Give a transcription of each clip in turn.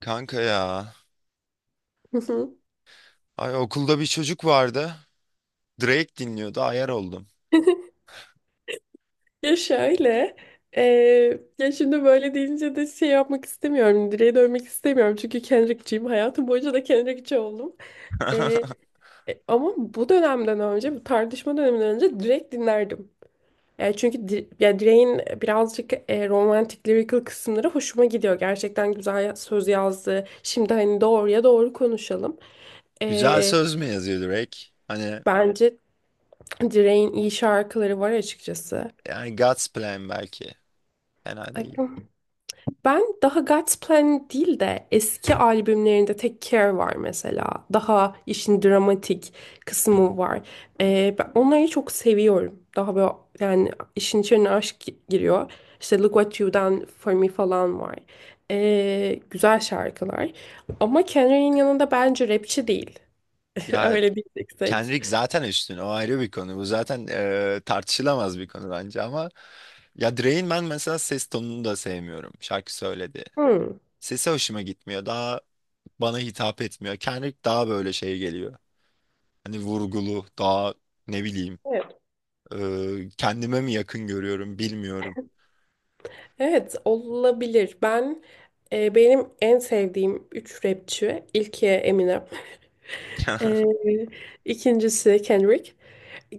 Kanka ya. Hı hı. Ay, okulda bir çocuk vardı. Drake dinliyordu. Ayar oldum. Ya şöyle, ya şimdi böyle deyince de şey yapmak istemiyorum, direğe dönmek istemiyorum çünkü Kendrick'ciyim, hayatım boyunca da Kendrick'ci oldum. Eee, Ama bu dönemden önce, bu tartışma döneminden önce Drake dinlerdim. Yani çünkü ya Drake'in birazcık romantik, lyrical kısımları hoşuma gidiyor. Gerçekten güzel söz yazdı. Şimdi hani doğruya doğru konuşalım. Güzel Eee, söz mü yazıyor Drake? Hani Bence Drake'in iyi şarkıları var açıkçası. yani God's Plan belki. Fena değil. Ben daha God's Plan değil de eski albümlerinde Take Care var mesela. Daha işin dramatik kısmı var. Ben onları çok seviyorum. Daha böyle yani işin içine aşk giriyor. İşte Look What You Done For Me falan var. Güzel şarkılar. Ama Kendrick'in yanında bence rapçi değil. Ya Öyle diyeceksek. Kendrick zaten üstün. O ayrı bir konu. Bu zaten tartışılamaz bir konu bence. Ama ya Drake'in ben mesela ses tonunu da sevmiyorum. Şarkı söyledi. Hmm. Sesi hoşuma gitmiyor. Daha bana hitap etmiyor. Kendrick daha böyle şey geliyor. Hani vurgulu, daha ne bileyim, Evet. Kendime mi yakın görüyorum bilmiyorum. Evet olabilir. Benim en sevdiğim 3 rapçi. İlki Eminem. Ee, ikincisi Kendrick.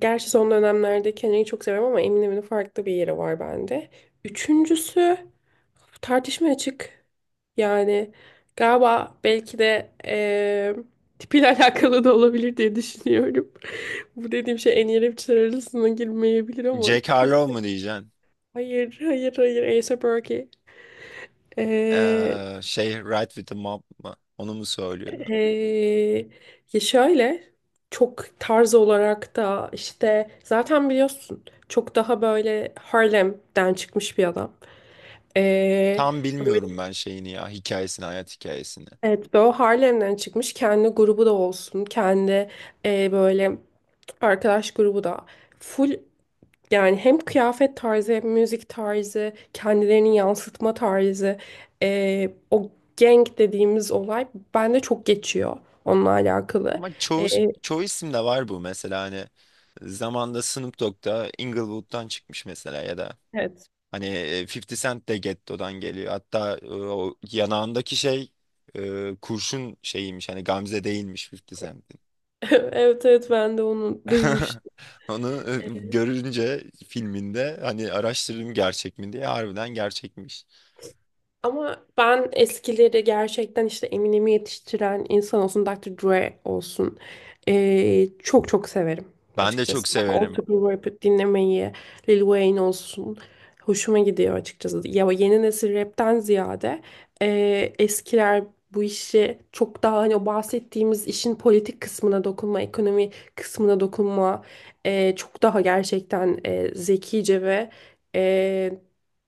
Gerçi son dönemlerde Kendrick'i çok seviyorum ama Eminem'in farklı bir yeri var bende. Üçüncüsü tartışmaya açık. Yani galiba belki de tipiyle alakalı da olabilir diye düşünüyorum. Bu dediğim şey en iyi rapçiler arasına girmeyebilir ama Jack çok Harlow mu diyeceksin? hayır, hayır, hayır, A$AP Rocky. Şey, Ride with the Mob mı? Onu mu söylüyordu? Ee, Ya şöyle çok tarz olarak da işte zaten biliyorsun çok daha böyle Harlem'den çıkmış bir adam. Ee, Tam bilmiyorum böyle, ben şeyini, ya hikayesini, hayat hikayesini. evet böyle Harlem'den çıkmış kendi grubu da olsun kendi e, böyle arkadaş grubu da full, yani hem kıyafet tarzı hem müzik tarzı kendilerini yansıtma tarzı, o gang dediğimiz olay bende çok geçiyor onunla alakalı. Ama çoğu, Ee, çoğu isimde var bu mesela, hani zamanda Snoop Dogg da Inglewood'dan çıkmış mesela, ya da Evet. hani 50 Cent de Getto'dan geliyor. Hatta o yanağındaki şey kurşun şeyiymiş, hani Gamze değilmiş 50 Cent. Evet, evet, ben de onu duymuştum. Onu görünce filminde hani araştırdım gerçek mi diye, harbiden gerçekmiş. Ama ben eskileri gerçekten işte Eminem'i yetiştiren insan olsun, Dr. Dre olsun, çok çok severim Ben de çok açıkçası. Daha severim. old rap dinlemeyi, Lil Wayne olsun, hoşuma gidiyor açıkçası. Ya yeni nesil rapten ziyade eskiler bu işi çok daha, hani o bahsettiğimiz işin politik kısmına dokunma, ekonomi kısmına dokunma, çok daha gerçekten zekice ve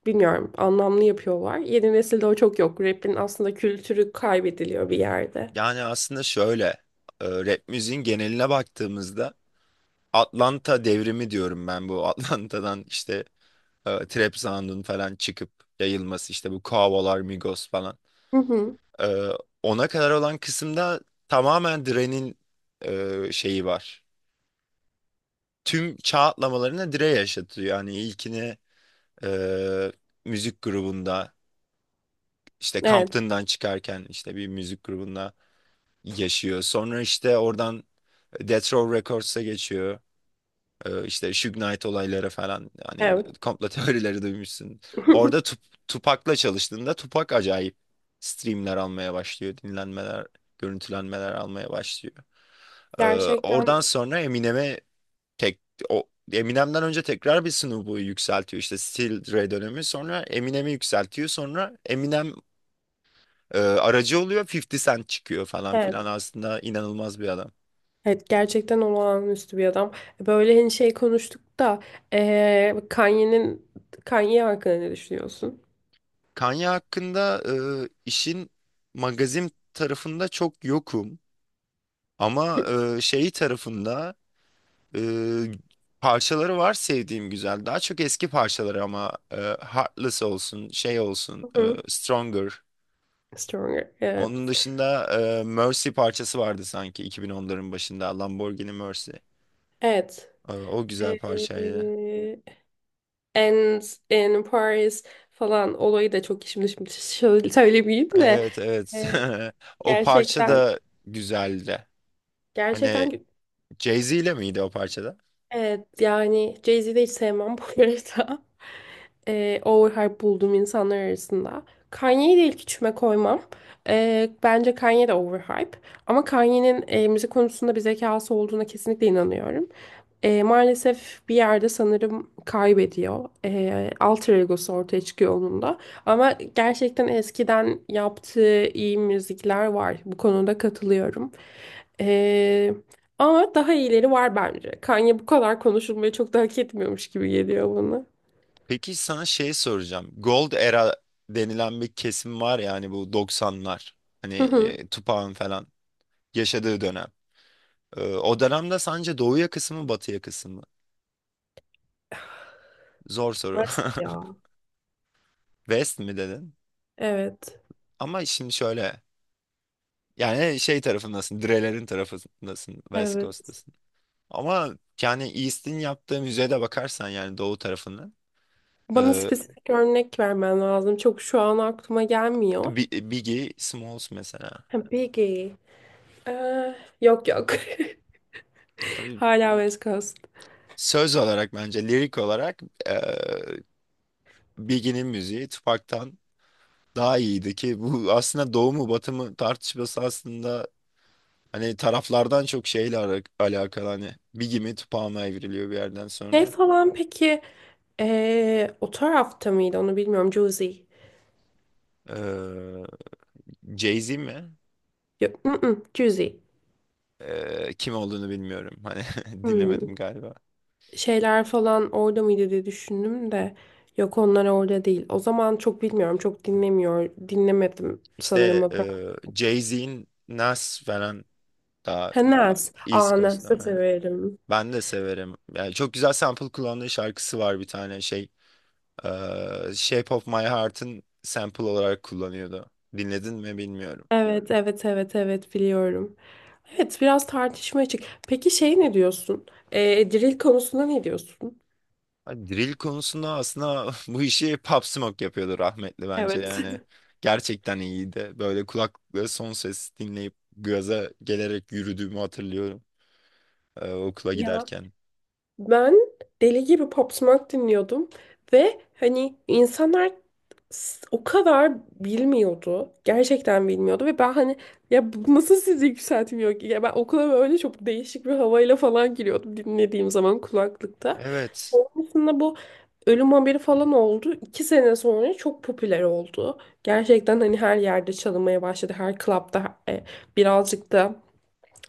bilmiyorum anlamlı yapıyorlar. Yeni nesilde o çok yok. Rap'in aslında kültürü kaybediliyor bir yerde. Yani aslında şöyle, rap müziğin geneline baktığımızda Atlanta devrimi diyorum ben bu. Atlanta'dan işte trap sound'un falan çıkıp yayılması, işte bu Quavo'lar, Migos falan. Hı hı. E, ona kadar olan kısımda tamamen Dre'nin şeyi var. Tüm çağ atlamalarını Dre yaşatıyor. Yani ilkini, e, müzik grubunda, işte Evet, Compton'dan çıkarken işte bir müzik grubunda yaşıyor. Sonra işte oradan Death Row Records'a geçiyor. E, işte Suge Knight olayları falan, hani evet. komplo teorileri duymuşsun. Orada Tupac'la çalıştığında Tupac acayip streamler almaya başlıyor. Dinlenmeler, görüntülenmeler almaya başlıyor. E, Gerçekten oradan sonra Eminem'e, Tek, o Eminem'den önce tekrar bir Snoop yükseltiyor, işte Still Dre dönemi, sonra Eminem'i yükseltiyor, sonra Eminem aracı oluyor, 50 Cent çıkıyor falan filan, evet. aslında inanılmaz bir adam. Evet, gerçekten olağanüstü bir adam. Böyle hani şey konuştuk da, Kanye'nin, Kanye hakkında ne düşünüyorsun? Kanye hakkında işin magazin tarafında çok yokum ama şeyi tarafında e, parçaları var sevdiğim, güzel, daha çok eski parçaları ama Heartless olsun, şey olsun, Hı hı. Stronger. Stronger. Onun Evet. dışında Mercy parçası vardı sanki 2010'ların başında, Lamborghini Mercy. Evet. E, o güzel parçaydı. Eee and in Paris falan olayı da çok, şimdi şöyle söylemeyeyim de, Evet, evet. eee, O parça gerçekten. da güzeldi. Hani Gerçekten. Jay-Z ile miydi o parçada? Evet, yani Jay-Z'yi de hiç sevmem bu arada. Overhype bulduğum insanlar arasında. Kanye'yi de ilk üçüme koymam. Bence Kanye de overhype. Ama Kanye'nin müzik konusunda bir zekası olduğuna kesinlikle inanıyorum. Maalesef bir yerde sanırım kaybediyor. Alter egosu ortaya çıkıyor onun da. Ama gerçekten eskiden yaptığı iyi müzikler var. Bu konuda katılıyorum. Ee, Ama daha iyileri var bence. Kanye bu kadar konuşulmayı çok da hak etmiyormuş gibi geliyor bana. Peki sana şey soracağım. Gold Era denilen bir kesim var, yani bu 90'lar. Hani Hı hı. Tupac'ın falan yaşadığı dönem. E, o dönemde sence doğuya kısmı, batıya kısmı? Zor soru. West ya. West mi dedin? Evet, Ama şimdi şöyle. Yani şey tarafındasın, Dreler'in tarafındasın, West evet. Coast'tasın. Ama yani East'in yaptığı müzeye de bakarsan, yani doğu tarafından. Bana E, spesifik örnek vermen lazım. Çok şu an aklıma gelmiyor. Biggie Smalls mesela. Ha, Biggie. Ee, Yok, yok. Abi, Hala West Coast. söz olarak bence, lirik olarak, e, Biggie'nin müziği Tupac'tan daha iyiydi, ki bu aslında doğu mu batı mı tartışması aslında hani taraflardan çok şeyle alakalı. Hani Biggie mi Tupac mı evriliyor bir yerden Şey sonra. falan, peki, o tarafta mıydı onu bilmiyorum. Juicy. E, Jay-Z mi? Yok, mm-mm, Juicy. Kim olduğunu bilmiyorum. Hani dinlemedim Hmm. galiba. Şeyler falan orada mıydı diye düşündüm de, yok, onlar orada değil. O zaman çok bilmiyorum, çok dinlemedim sanırım İşte o tarz. Jay-Z'in Nas falan daha Ha, Nas. East Aa, Coast'ta, Nas'ı aynen. severim. Ben de severim. Yani çok güzel sample kullandığı şarkısı var bir tane şey. e, Shape of My Heart'ın sample olarak kullanıyordu. Dinledin mi bilmiyorum. Evet, evet, evet, evet, biliyorum. Evet, biraz tartışma açık. Peki şey ne diyorsun? Drill konusunda ne diyorsun? Hani drill konusunda aslında bu işi Pop Smoke yapıyordu, rahmetli, bence Evet. yani. Gerçekten iyiydi. Böyle kulaklıkla son ses dinleyip gaza gelerek yürüdüğümü hatırlıyorum, okula Ya, giderken. ben deli gibi Pop Smoke dinliyordum ve hani insanlar o kadar bilmiyordu. Gerçekten bilmiyordu ve ben hani, ya bu nasıl sizi yükseltmiyor ki? Ya ben okula böyle çok değişik bir havayla falan giriyordum dinlediğim zaman kulaklıkta. Evet. Sonrasında bu ölüm haberi falan oldu. 2 sene sonra çok popüler oldu. Gerçekten hani her yerde çalınmaya başladı. Her klapta, birazcık da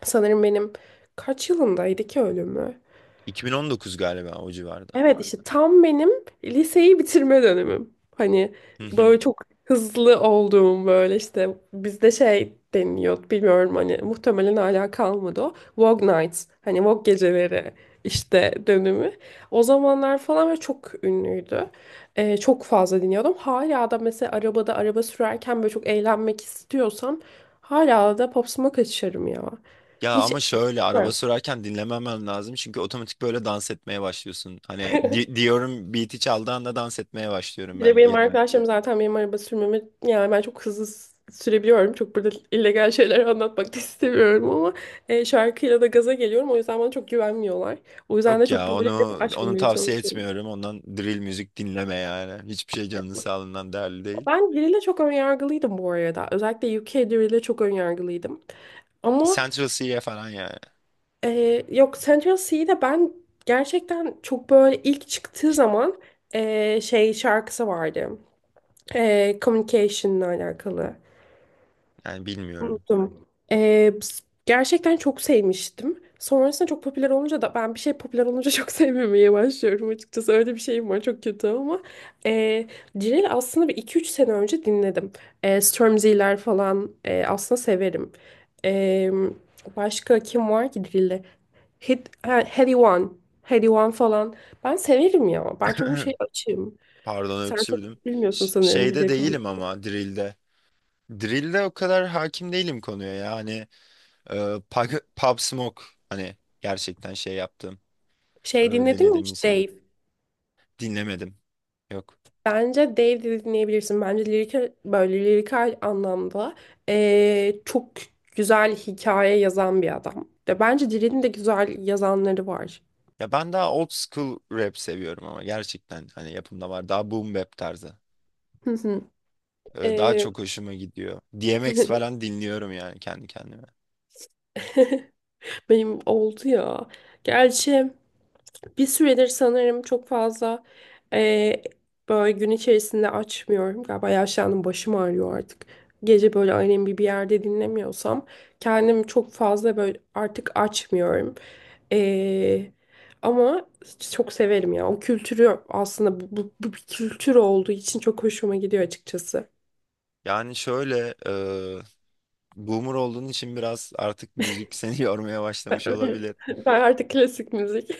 sanırım benim, kaç yılındaydı ki ölümü? 2019 galiba, o civarda. Evet, işte tam benim liseyi bitirme dönemim. Hani Hı hı. böyle çok hızlı olduğum, böyle işte bizde şey deniliyor bilmiyorum hani, muhtemelen hala kalmadı o. Vogue Nights, hani Vogue geceleri işte dönemi. O zamanlar falan ve çok ünlüydü. Çok fazla dinliyordum. Hala da mesela arabada, araba sürerken böyle çok eğlenmek istiyorsam hala da Pop Smoke açarım ya. Ya Hiç... ama şöyle, araba sürerken dinlememem lazım, çünkü otomatik böyle dans etmeye başlıyorsun. Hani diyorum, beat'i çaldığı anda dans etmeye başlıyorum Bir de ben, benim yerim. arkadaşlarım zaten benim araba sürmemi, yani ben çok hızlı sürebiliyorum. Çok burada illegal şeyler anlatmak da istemiyorum ama şarkıyla da gaza geliyorum. O yüzden bana çok güvenmiyorlar. O yüzden de Yok çok ya, böyle laf onu açmamaya tavsiye çalışıyorum. etmiyorum. Ondan drill müzik dinleme yani. Hiçbir şey canının sağlığından değerli değil. Ben Drill'e çok önyargılıydım bu arada. Özellikle UK Drill'e çok önyargılıydım. Ama Central Cee falan ya. Yok, Central C'de ben gerçekten çok böyle, ilk çıktığı zaman şey şarkısı vardı. E, Communication'la alakalı. Yani bilmiyorum. Unuttum. Gerçekten çok sevmiştim. Sonrasında çok popüler olunca da, ben bir şey popüler olunca çok sevmemeye başlıyorum açıkçası. Öyle bir şeyim var, çok kötü ama. Ee, Cirel'i aslında bir iki üç sene önce dinledim. Stormzy'ler falan aslında severim. Ee, Başka kim var ki Cirel'de? Heady One. Heady One falan. Ben severim ya. Ben çok bu şey açığım. Pardon, Sen öksürdüm. çok bilmiyorsun sanırım Şeyde Cirel değilim, konusunda. ama drill'de. Drill'de o kadar hakim değilim konuya yani. E, Pub Smoke, hani gerçekten şey yaptım. E, Şey dinledin mi dinledim hiç insan. Dave? Dinlemedim. Yok. Bence Dave de dinleyebilirsin. Bence lirikal, böyle lirikal anlamda çok güzel hikaye yazan bir adam. De bence Dil'in de güzel yazanları var. Ya ben daha old school rap seviyorum ama, gerçekten hani yapımda var. Daha boom bap tarzı. Hı hı. E, daha Eee, çok hoşuma gidiyor. DMX falan dinliyorum yani kendi kendime. Benim oldu ya. Gerçi Bir süredir sanırım çok fazla, eee, böyle gün içerisinde açmıyorum. Galiba yaşlandım, başım ağrıyor artık. Gece böyle ailemi bir yerde dinlemiyorsam kendimi çok fazla böyle artık açmıyorum. Eee, Ama çok severim ya. O kültürü aslında, bu, bir kültür olduğu için çok hoşuma gidiyor açıkçası. Yani şöyle, boomer olduğun için biraz artık müzik seni yormaya başlamış olabilir. Ben artık klasik müzik.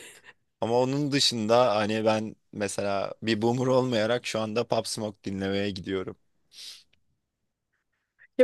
Ama onun dışında hani ben mesela bir boomer olmayarak şu anda Pop Smoke dinlemeye gidiyorum.